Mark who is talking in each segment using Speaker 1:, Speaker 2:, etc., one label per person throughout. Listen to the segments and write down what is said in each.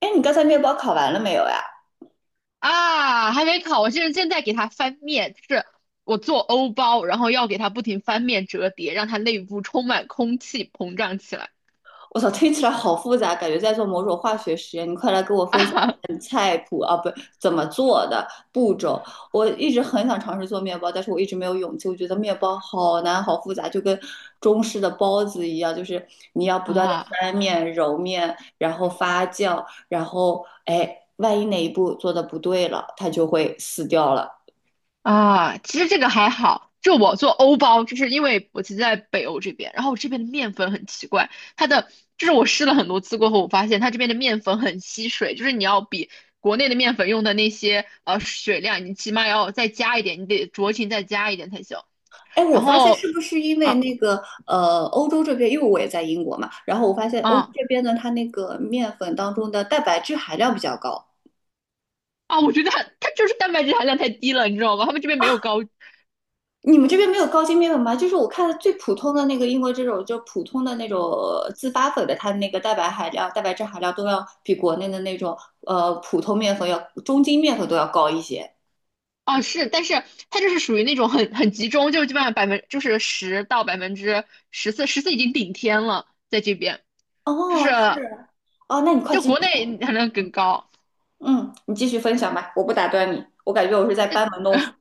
Speaker 1: 哎，你刚才面包烤完了没有呀？
Speaker 2: 啊，还没烤，我现在给它翻面，就是我做欧包，然后要给它不停翻面折叠，让它内部充满空气，膨胀起来。
Speaker 1: 我操，听起来好复杂，感觉在做某种化学实验。你快来给我
Speaker 2: 啊
Speaker 1: 分享一下你菜谱啊，不，怎么做的步骤。我一直很想尝试做面包，但是我一直没有勇气。我觉得面包好难，好复杂，就跟中式的包子一样，就是你要不断的
Speaker 2: 啊
Speaker 1: 翻面、揉面，然后发酵，然后哎，万一哪一步做的不对了，它就会死掉了。
Speaker 2: 其实这个还好，就我做欧包，就是因为我其实在北欧这边，然后我这边的面粉很奇怪，它的就是我试了很多次过后，我发现它这边的面粉很吸水，就是你要比。国内的面粉用的那些水量，你起码要再加一点，你得酌情再加一点才行。
Speaker 1: 哎，我
Speaker 2: 然
Speaker 1: 发现是
Speaker 2: 后
Speaker 1: 不是因为
Speaker 2: 啊
Speaker 1: 那个欧洲这边，因为我也在英国嘛，然后我发现欧洲
Speaker 2: 啊。
Speaker 1: 这边呢，它那个面粉当中的蛋白质含量比较高。
Speaker 2: 啊，我觉得它就是蛋白质含量太低了，你知道吗？他们这边没有高
Speaker 1: 你们这边没有高筋面粉吗？就是我看的最普通的那个英国这种，就普通的那种自发粉的，它的那个蛋白含量、蛋白质含量都要比国内的那种普通面粉要中筋面粉都要高一些。
Speaker 2: 啊，是，但是它就是属于那种很集中，就是基本上百分就是十到14%，十四已经顶天了，在这边就是
Speaker 1: 哦，是哦，那你快
Speaker 2: 就
Speaker 1: 继续
Speaker 2: 国
Speaker 1: 说，
Speaker 2: 内含量更高。
Speaker 1: 嗯，你继续分享吧，我不打断你，我感觉我是在班门弄斧。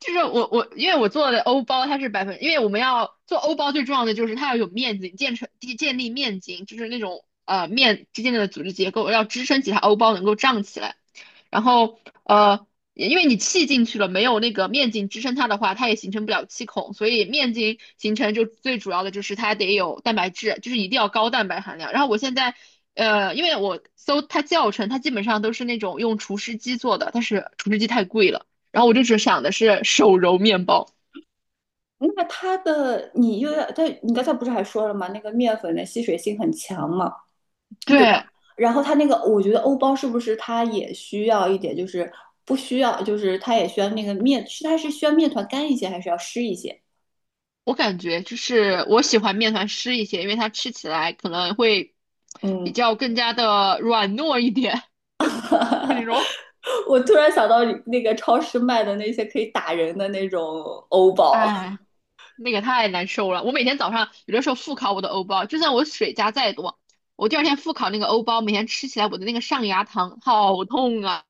Speaker 2: 就是我因为我做的欧包它是百分，因为我们要做欧包最重要的就是它要有面筋，建立面筋，就是那种面之间的组织结构要支撑起它欧包能够胀起来。然后呃，因为你气进去了，没有那个面筋支撑它的话，它也形成不了气孔，所以面筋形成就最主要的就是它得有蛋白质，就是一定要高蛋白含量。然后我现在。因为我搜它教程，它基本上都是那种用厨师机做的，但是厨师机太贵了，然后我就只想的是手揉面包。
Speaker 1: 那它的你又要，它你刚才不是还说了吗？那个面粉的吸水性很强嘛，对吧？
Speaker 2: 对，
Speaker 1: 然后它那个，我觉得欧包是不是它也需要一点，就是不需要，就是它也需要那个面，是它是需要面团干一些，还是要湿一些？
Speaker 2: 我感觉就是我喜欢面团湿一些，因为它吃起来可能会比
Speaker 1: 嗯，
Speaker 2: 较更加的软糯一点。怎形容？
Speaker 1: 我突然想到那个超市卖的那些可以打人的那种欧包，
Speaker 2: 哎，那个太难受了。我每天早上有的时候复烤我的欧包，就算我水加再多，我第二天复烤那个欧包，每天吃起来我的那个上牙膛好痛啊！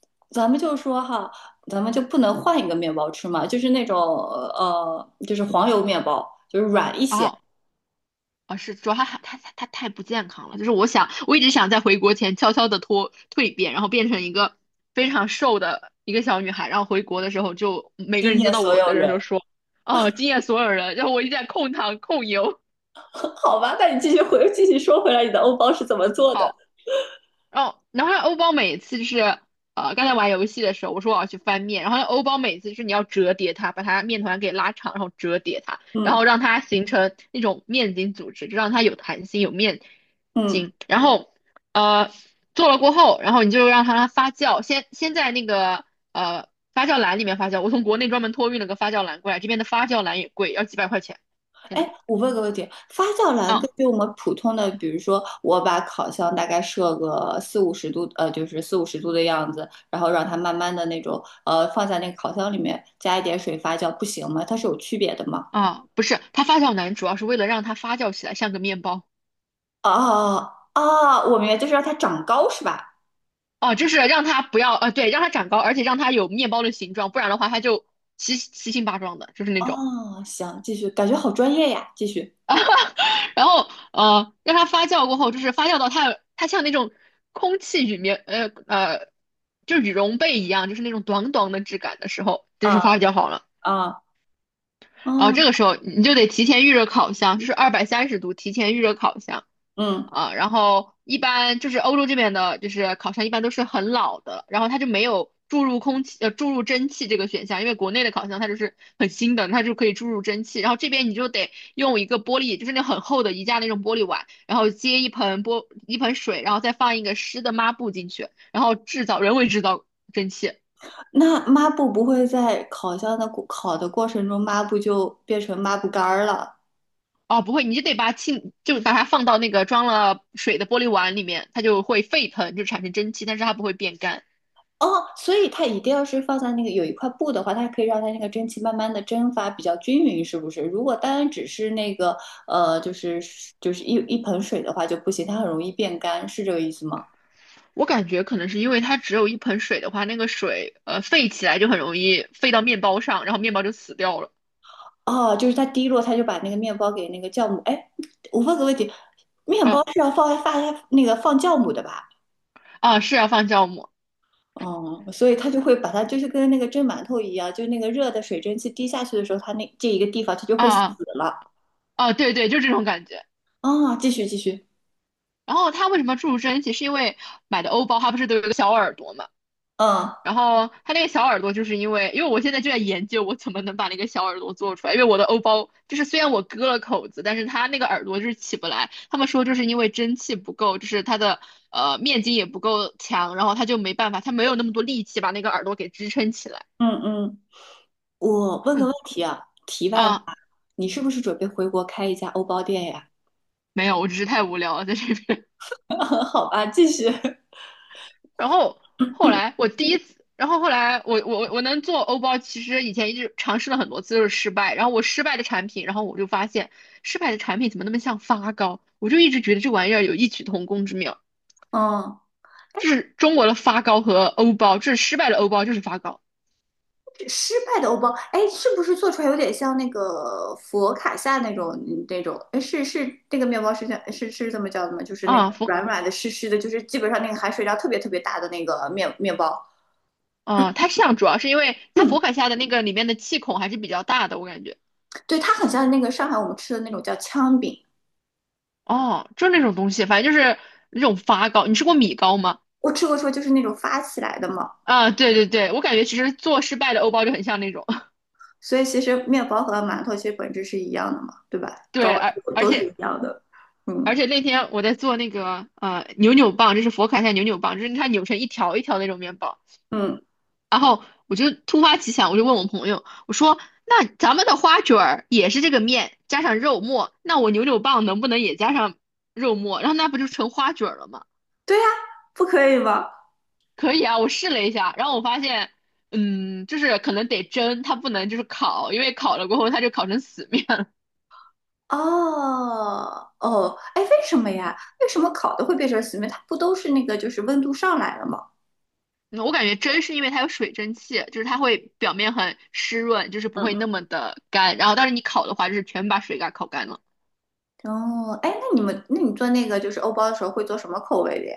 Speaker 1: 咱们就说哈，咱们就不能换一个面包吃嘛？就是那种就是黄油面包，就是软一些，
Speaker 2: 啊，啊，是主要他太不健康了，就是我想，我一直想在回国前悄悄的脱蜕变，然后变成一个非常瘦的一个小女孩，然后回国的时候就每个
Speaker 1: 惊
Speaker 2: 人
Speaker 1: 艳
Speaker 2: 见到
Speaker 1: 所
Speaker 2: 我
Speaker 1: 有
Speaker 2: 的人
Speaker 1: 人。
Speaker 2: 都说，哦，惊艳所有人，然后我一直在控糖控油，
Speaker 1: 好吧，那你继续回，继续说回来，你的欧包是怎么做的？
Speaker 2: 好。哦，然后欧包每次就是刚才玩游戏的时候，我说我要去翻面，然后欧包每次就是你要折叠它，把它面团给拉长，然后折叠它，然
Speaker 1: 嗯
Speaker 2: 后让它形成那种面筋组织，就让它有弹性，有面
Speaker 1: 嗯，
Speaker 2: 筋。然后呃，做了过后，然后你就让它发酵，先在那个呃发酵篮里面发酵。我从国内专门托运了个发酵篮过来，这边的发酵篮也贵，要几百块钱。天
Speaker 1: 哎，
Speaker 2: 呐，
Speaker 1: 我问个问题，发酵篮
Speaker 2: 啊
Speaker 1: 根据我们普通的，比如说我把烤箱大概设个四五十度，就是四五十度的样子，然后让它慢慢的那种，放在那个烤箱里面，加一点水发酵，不行吗？它是有区别的吗？
Speaker 2: 啊，不是，它发酵篮主要是为了让它发酵起来，像个面包。
Speaker 1: 哦哦，我明白，就是让它长高是吧？
Speaker 2: 哦，就是让它不要，对，让它长高，而且让它有面包的形状，不然的话它就七七形八状的，就是那种。
Speaker 1: 哦，行，继续，感觉好专业呀，继续。
Speaker 2: 然后，让它发酵过后，就是发酵到它像那种空气里面，就羽绒被一样，就是那种短短的质感的时候，就是
Speaker 1: 啊
Speaker 2: 发酵好了。
Speaker 1: 啊，
Speaker 2: 然后这
Speaker 1: 嗯
Speaker 2: 个时候你就得提前预热烤箱，就是230度提前预热烤箱。
Speaker 1: 嗯。
Speaker 2: 啊，然后一般就是欧洲这边的，就是烤箱一般都是很老的，然后它就没有注入空气，注入蒸汽这个选项，因为国内的烤箱它就是很新的，它就可以注入蒸汽，然后这边你就得用一个玻璃，就是那很厚的宜家那种玻璃碗，然后接一盆水，然后再放一个湿的抹布进去，然后制造人为制造蒸汽。
Speaker 1: 那抹布不会在烤箱的过烤的过程中，抹布就变成抹布干儿了。
Speaker 2: 哦，不会，你就得把气，就把它放到那个装了水的玻璃碗里面，它就会沸腾，就产生蒸汽，但是它不会变干。
Speaker 1: 哦，所以它一定要是放在那个有一块布的话，它可以让它那个蒸汽慢慢的蒸发比较均匀，是不是？如果单只是那个就是就是一盆水的话就不行，它很容易变干，是这个意思吗？
Speaker 2: 我感觉可能是因为它只有一盆水的话，那个水沸起来就很容易沸到面包上，然后面包就死掉了。
Speaker 1: 哦，就是它滴落，它就把那个面包给那个酵母。哎，我问个问题，面包
Speaker 2: 啊，
Speaker 1: 是要放那个放酵母的吧？
Speaker 2: 是要放酵母
Speaker 1: 哦，所以它就会把它就是跟那个蒸馒头一样，就那个热的水蒸气滴下去的时候，它那这一个地方它就
Speaker 2: 啊
Speaker 1: 会死
Speaker 2: 啊
Speaker 1: 了。
Speaker 2: 对对，就这种感觉。
Speaker 1: 啊、继续继续，
Speaker 2: 然后它为什么注入蒸汽？是因为买的欧包它不是都有一个小耳朵嘛？
Speaker 1: 嗯
Speaker 2: 然后它那个小耳朵，就是因为我现在就在研究我怎么能把那个小耳朵做出来，因为我的欧包就是虽然我割了口子，但是它那个耳朵就是起不来。他们说就是因为蒸汽不够，就是它的面筋也不够强，然后它就没办法，它没有那么多力气把那个耳朵给支撑起来。
Speaker 1: 嗯嗯，我问个问
Speaker 2: 嗯
Speaker 1: 题啊，题外话，
Speaker 2: 啊，
Speaker 1: 你是不是准备回国开一家欧包店呀？
Speaker 2: 没有，我只是太无聊了在这边。
Speaker 1: 好吧，继续。
Speaker 2: 然后后来我第一次，然后后来我能做欧包，其实以前一直尝试了很多次，就是失败。然后我失败的产品，然后我就发现失败的产品怎么那么像发糕？我就一直觉得这玩意儿有异曲同工之妙，
Speaker 1: 嗯，
Speaker 2: 就是中国的发糕和欧包，就是失败的欧包，就是发糕
Speaker 1: 失败的欧包，哎，是不是做出来有点像那个佛卡夏那种嗯那种？哎，是是那个面包是叫是是这么叫的吗？就是那个
Speaker 2: 啊佛
Speaker 1: 软软的、湿湿的，就是基本上那个含水量特别特别大的那个面面包。
Speaker 2: 啊，它像主要是因为它佛卡夏的那个里面的气孔还是比较大的，我感觉
Speaker 1: 对，它很像那个上海我们吃的那种叫糠饼，
Speaker 2: 哦，就那种东西，反正就是那种发糕。你吃过米糕吗？
Speaker 1: 我吃过说就是那种发起来的嘛，
Speaker 2: 啊，对对对，我感觉其实做失败的欧包就很像那种。
Speaker 1: 所以其实面包和馒头其实本质是一样的嘛，对吧？高
Speaker 2: 对，而
Speaker 1: 度
Speaker 2: 而
Speaker 1: 都是一
Speaker 2: 且
Speaker 1: 样的，
Speaker 2: 而
Speaker 1: 嗯
Speaker 2: 且那天我在做那个扭扭棒，就是佛卡夏扭扭棒，就是它扭成一条一条那种面包。
Speaker 1: 嗯，
Speaker 2: 然后我就突发奇想，我就问我朋友，我说：“那咱们的花卷儿也是这个面加上肉末，那我扭扭棒能不能也加上肉末？然后那不就成花卷儿了吗？”
Speaker 1: 对呀，不可以吗？
Speaker 2: 可以啊，我试了一下，然后我发现，嗯，就是可能得蒸，它不能就是烤，因为烤了过后它就烤成死面了。
Speaker 1: 哦哦，哎，为什么呀？为什么烤的会变成死面？它不都是那个就是温度上来了吗？
Speaker 2: 嗯我感觉蒸是因为它有水蒸气，就是它会表面很湿润，就是不会那么的干。然后，但是你烤的话，就是全把水给它烤干了。
Speaker 1: 哦，哎，那你们，那你做那个就是欧包的时候会做什么口味的呀？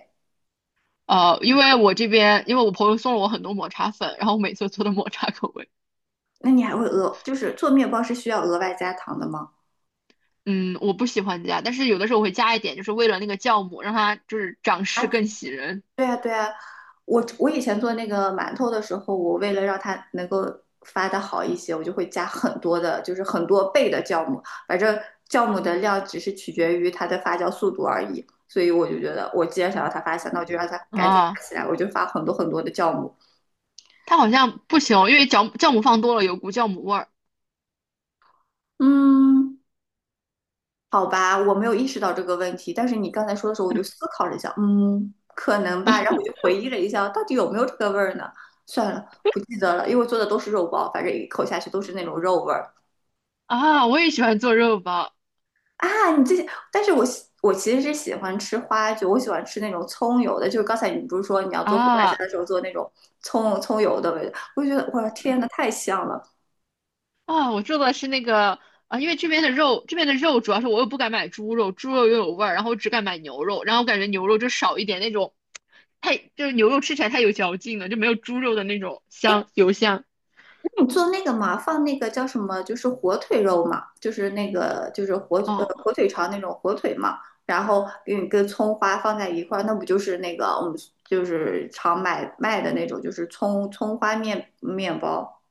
Speaker 2: 因为我这边，因为我朋友送了我很多抹茶粉，然后我每次做的抹茶口味，
Speaker 1: 那你还会额，就是做面包是需要额外加糖的吗？
Speaker 2: 嗯，我不喜欢加，但是有的时候我会加一点，就是为了那个酵母，让它就是长势更喜人
Speaker 1: 对呀，对呀，我以前做那个馒头的时候，我为了让它能够发的好一些，我就会加很多的，就是很多倍的酵母。反正酵母的量只是取决于它的发酵速度而已，所以我就觉得，我既然想要它发酵，那我就让它赶紧发
Speaker 2: 啊。
Speaker 1: 起来，我就发很多很多的酵母。
Speaker 2: 它好像不行，因为酵母放多了有股酵母味儿
Speaker 1: 嗯，好吧，我没有意识到这个问题，但是你刚才说的时候，我就思考了一下，嗯，可能吧。然后我 就回忆了一下，到底有没有这个味儿呢？算了，不记得了，因为我做的都是肉包，反正一口下去都是那种肉味儿
Speaker 2: 啊。我也喜欢做肉包
Speaker 1: 啊。你这些，但是我喜我其实是喜欢吃花卷，我喜欢吃那种葱油的。就是刚才你不是说你要做佛卡夏
Speaker 2: 啊。
Speaker 1: 的时候做那种葱葱油的味道，我就觉得哇，天呐，太香了。
Speaker 2: 啊、我做的是那个啊，因为这边的肉，这边的肉主要是我又不敢买猪肉，猪肉又有味儿，然后我只敢买牛肉，然后我感觉牛肉就少一点那种，太就是牛肉吃起来太有嚼劲了，就没有猪肉的那种香油香。
Speaker 1: 你做那个嘛，放那个叫什么，就是火腿肉嘛，就是那个就是火
Speaker 2: 哦
Speaker 1: 火腿肠那种火腿嘛，然后给你跟葱花放在一块儿，那不就是那个我们就是常买卖的那种，就是葱葱花面面包。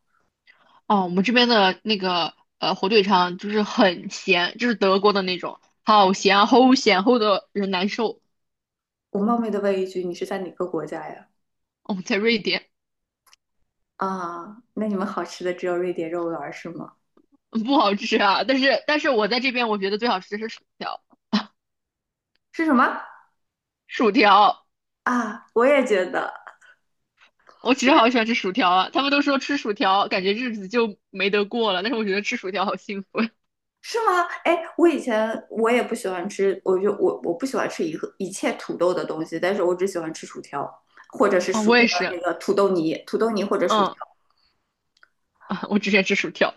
Speaker 2: 哦，我们这边的那个火腿肠就是很咸，就是德国的那种，好咸啊，齁咸，齁的人难受。
Speaker 1: 我冒昧的问一句，你是在哪个国家呀？
Speaker 2: 哦，在瑞典
Speaker 1: 啊，那你们好吃的只有瑞典肉丸儿是吗？
Speaker 2: 嗯不好吃啊，但是我在这边我觉得最好吃的是薯条，
Speaker 1: 是什么？
Speaker 2: 薯条。
Speaker 1: 啊，我也觉得。
Speaker 2: 我其实好喜欢吃薯条啊，他们都说吃薯条感觉日子就没得过了，但是我觉得吃薯条好幸福呀
Speaker 1: 是吗？哎，我以前我也不喜欢吃，我就我不喜欢吃一个一切土豆的东西，但是我只喜欢吃薯条，或者是
Speaker 2: 啊
Speaker 1: 薯
Speaker 2: 我也
Speaker 1: 那
Speaker 2: 是，
Speaker 1: 个土豆泥，土豆泥或者薯条。
Speaker 2: 嗯啊，我喜欢吃薯条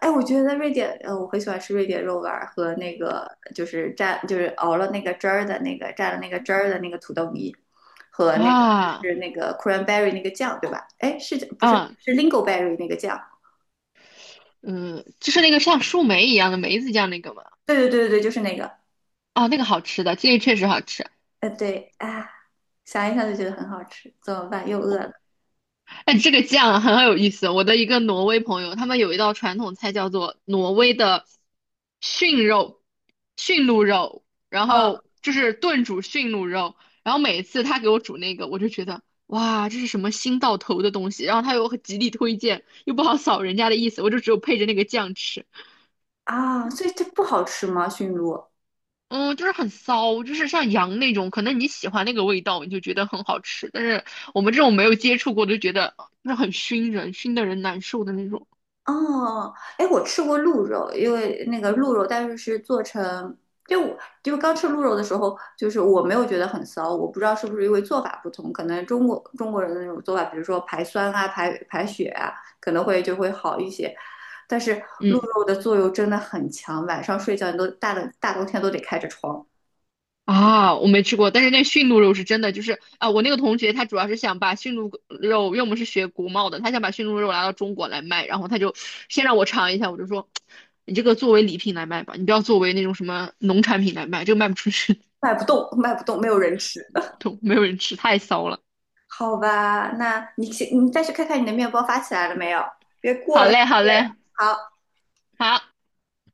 Speaker 1: 哎，我觉得瑞典，我很喜欢吃瑞典肉丸儿和那个就是蘸就是熬了那个汁儿的那个蘸了那个汁儿的那个土豆泥，和那个就
Speaker 2: 啊
Speaker 1: 是那个 cranberry 那个酱，对吧？哎，是不是
Speaker 2: 啊，
Speaker 1: 是 lingonberry 那个酱？
Speaker 2: 嗯，就是那个像树莓一样的梅子酱那个嘛，
Speaker 1: 对对对对对，就是那个，
Speaker 2: 啊，那个好吃的，这个确实好吃。
Speaker 1: 对啊，想一想就觉得很好吃，怎么办？又饿了。
Speaker 2: 哎，这个酱啊很有意思哦。我的一个挪威朋友，他们有一道传统菜叫做挪威的驯肉、驯鹿肉，然
Speaker 1: 哦
Speaker 2: 后就是炖煮驯鹿肉。然后每次他给我煮那个，我就觉得哇，这是什么新到头的东西。然后他又很极力推荐，又不好扫人家的意思，我就只有配着那个酱吃。
Speaker 1: 啊，所以这不好吃吗？驯鹿？
Speaker 2: 嗯，就是很骚，就是像羊那种，可能你喜欢那个味道，你就觉得很好吃。但是我们这种没有接触过，就觉得就是很熏人，熏的人难受的那种。
Speaker 1: 哦，哎，我吃过鹿肉，因为那个鹿肉，但是是做成，就我就刚吃鹿肉的时候，就是我没有觉得很骚，我不知道是不是因为做法不同，可能中国人的那种做法，比如说排酸啊、排排血啊，可能会就会好一些。但是鹿
Speaker 2: 嗯
Speaker 1: 肉的作用真的很强，晚上睡觉你都大的大冬天都得开着窗，
Speaker 2: 啊，我没吃过，但是那驯鹿肉是真的，就是啊，我那个同学他主要是想把驯鹿肉，因为我们是学国贸的，他想把驯鹿肉拿到中国来卖，然后他就先让我尝一下，我就说，你这个作为礼品来卖吧，你不要作为那种什么农产品来卖，这个卖不出去，
Speaker 1: 卖不动，卖不动，没有人吃。
Speaker 2: 都没有人吃，太骚了。
Speaker 1: 好吧，那你去，你再去看看你的面包发起来了没有，别过
Speaker 2: 好
Speaker 1: 了时
Speaker 2: 嘞，好
Speaker 1: 间了。
Speaker 2: 嘞，
Speaker 1: 好。
Speaker 2: 好。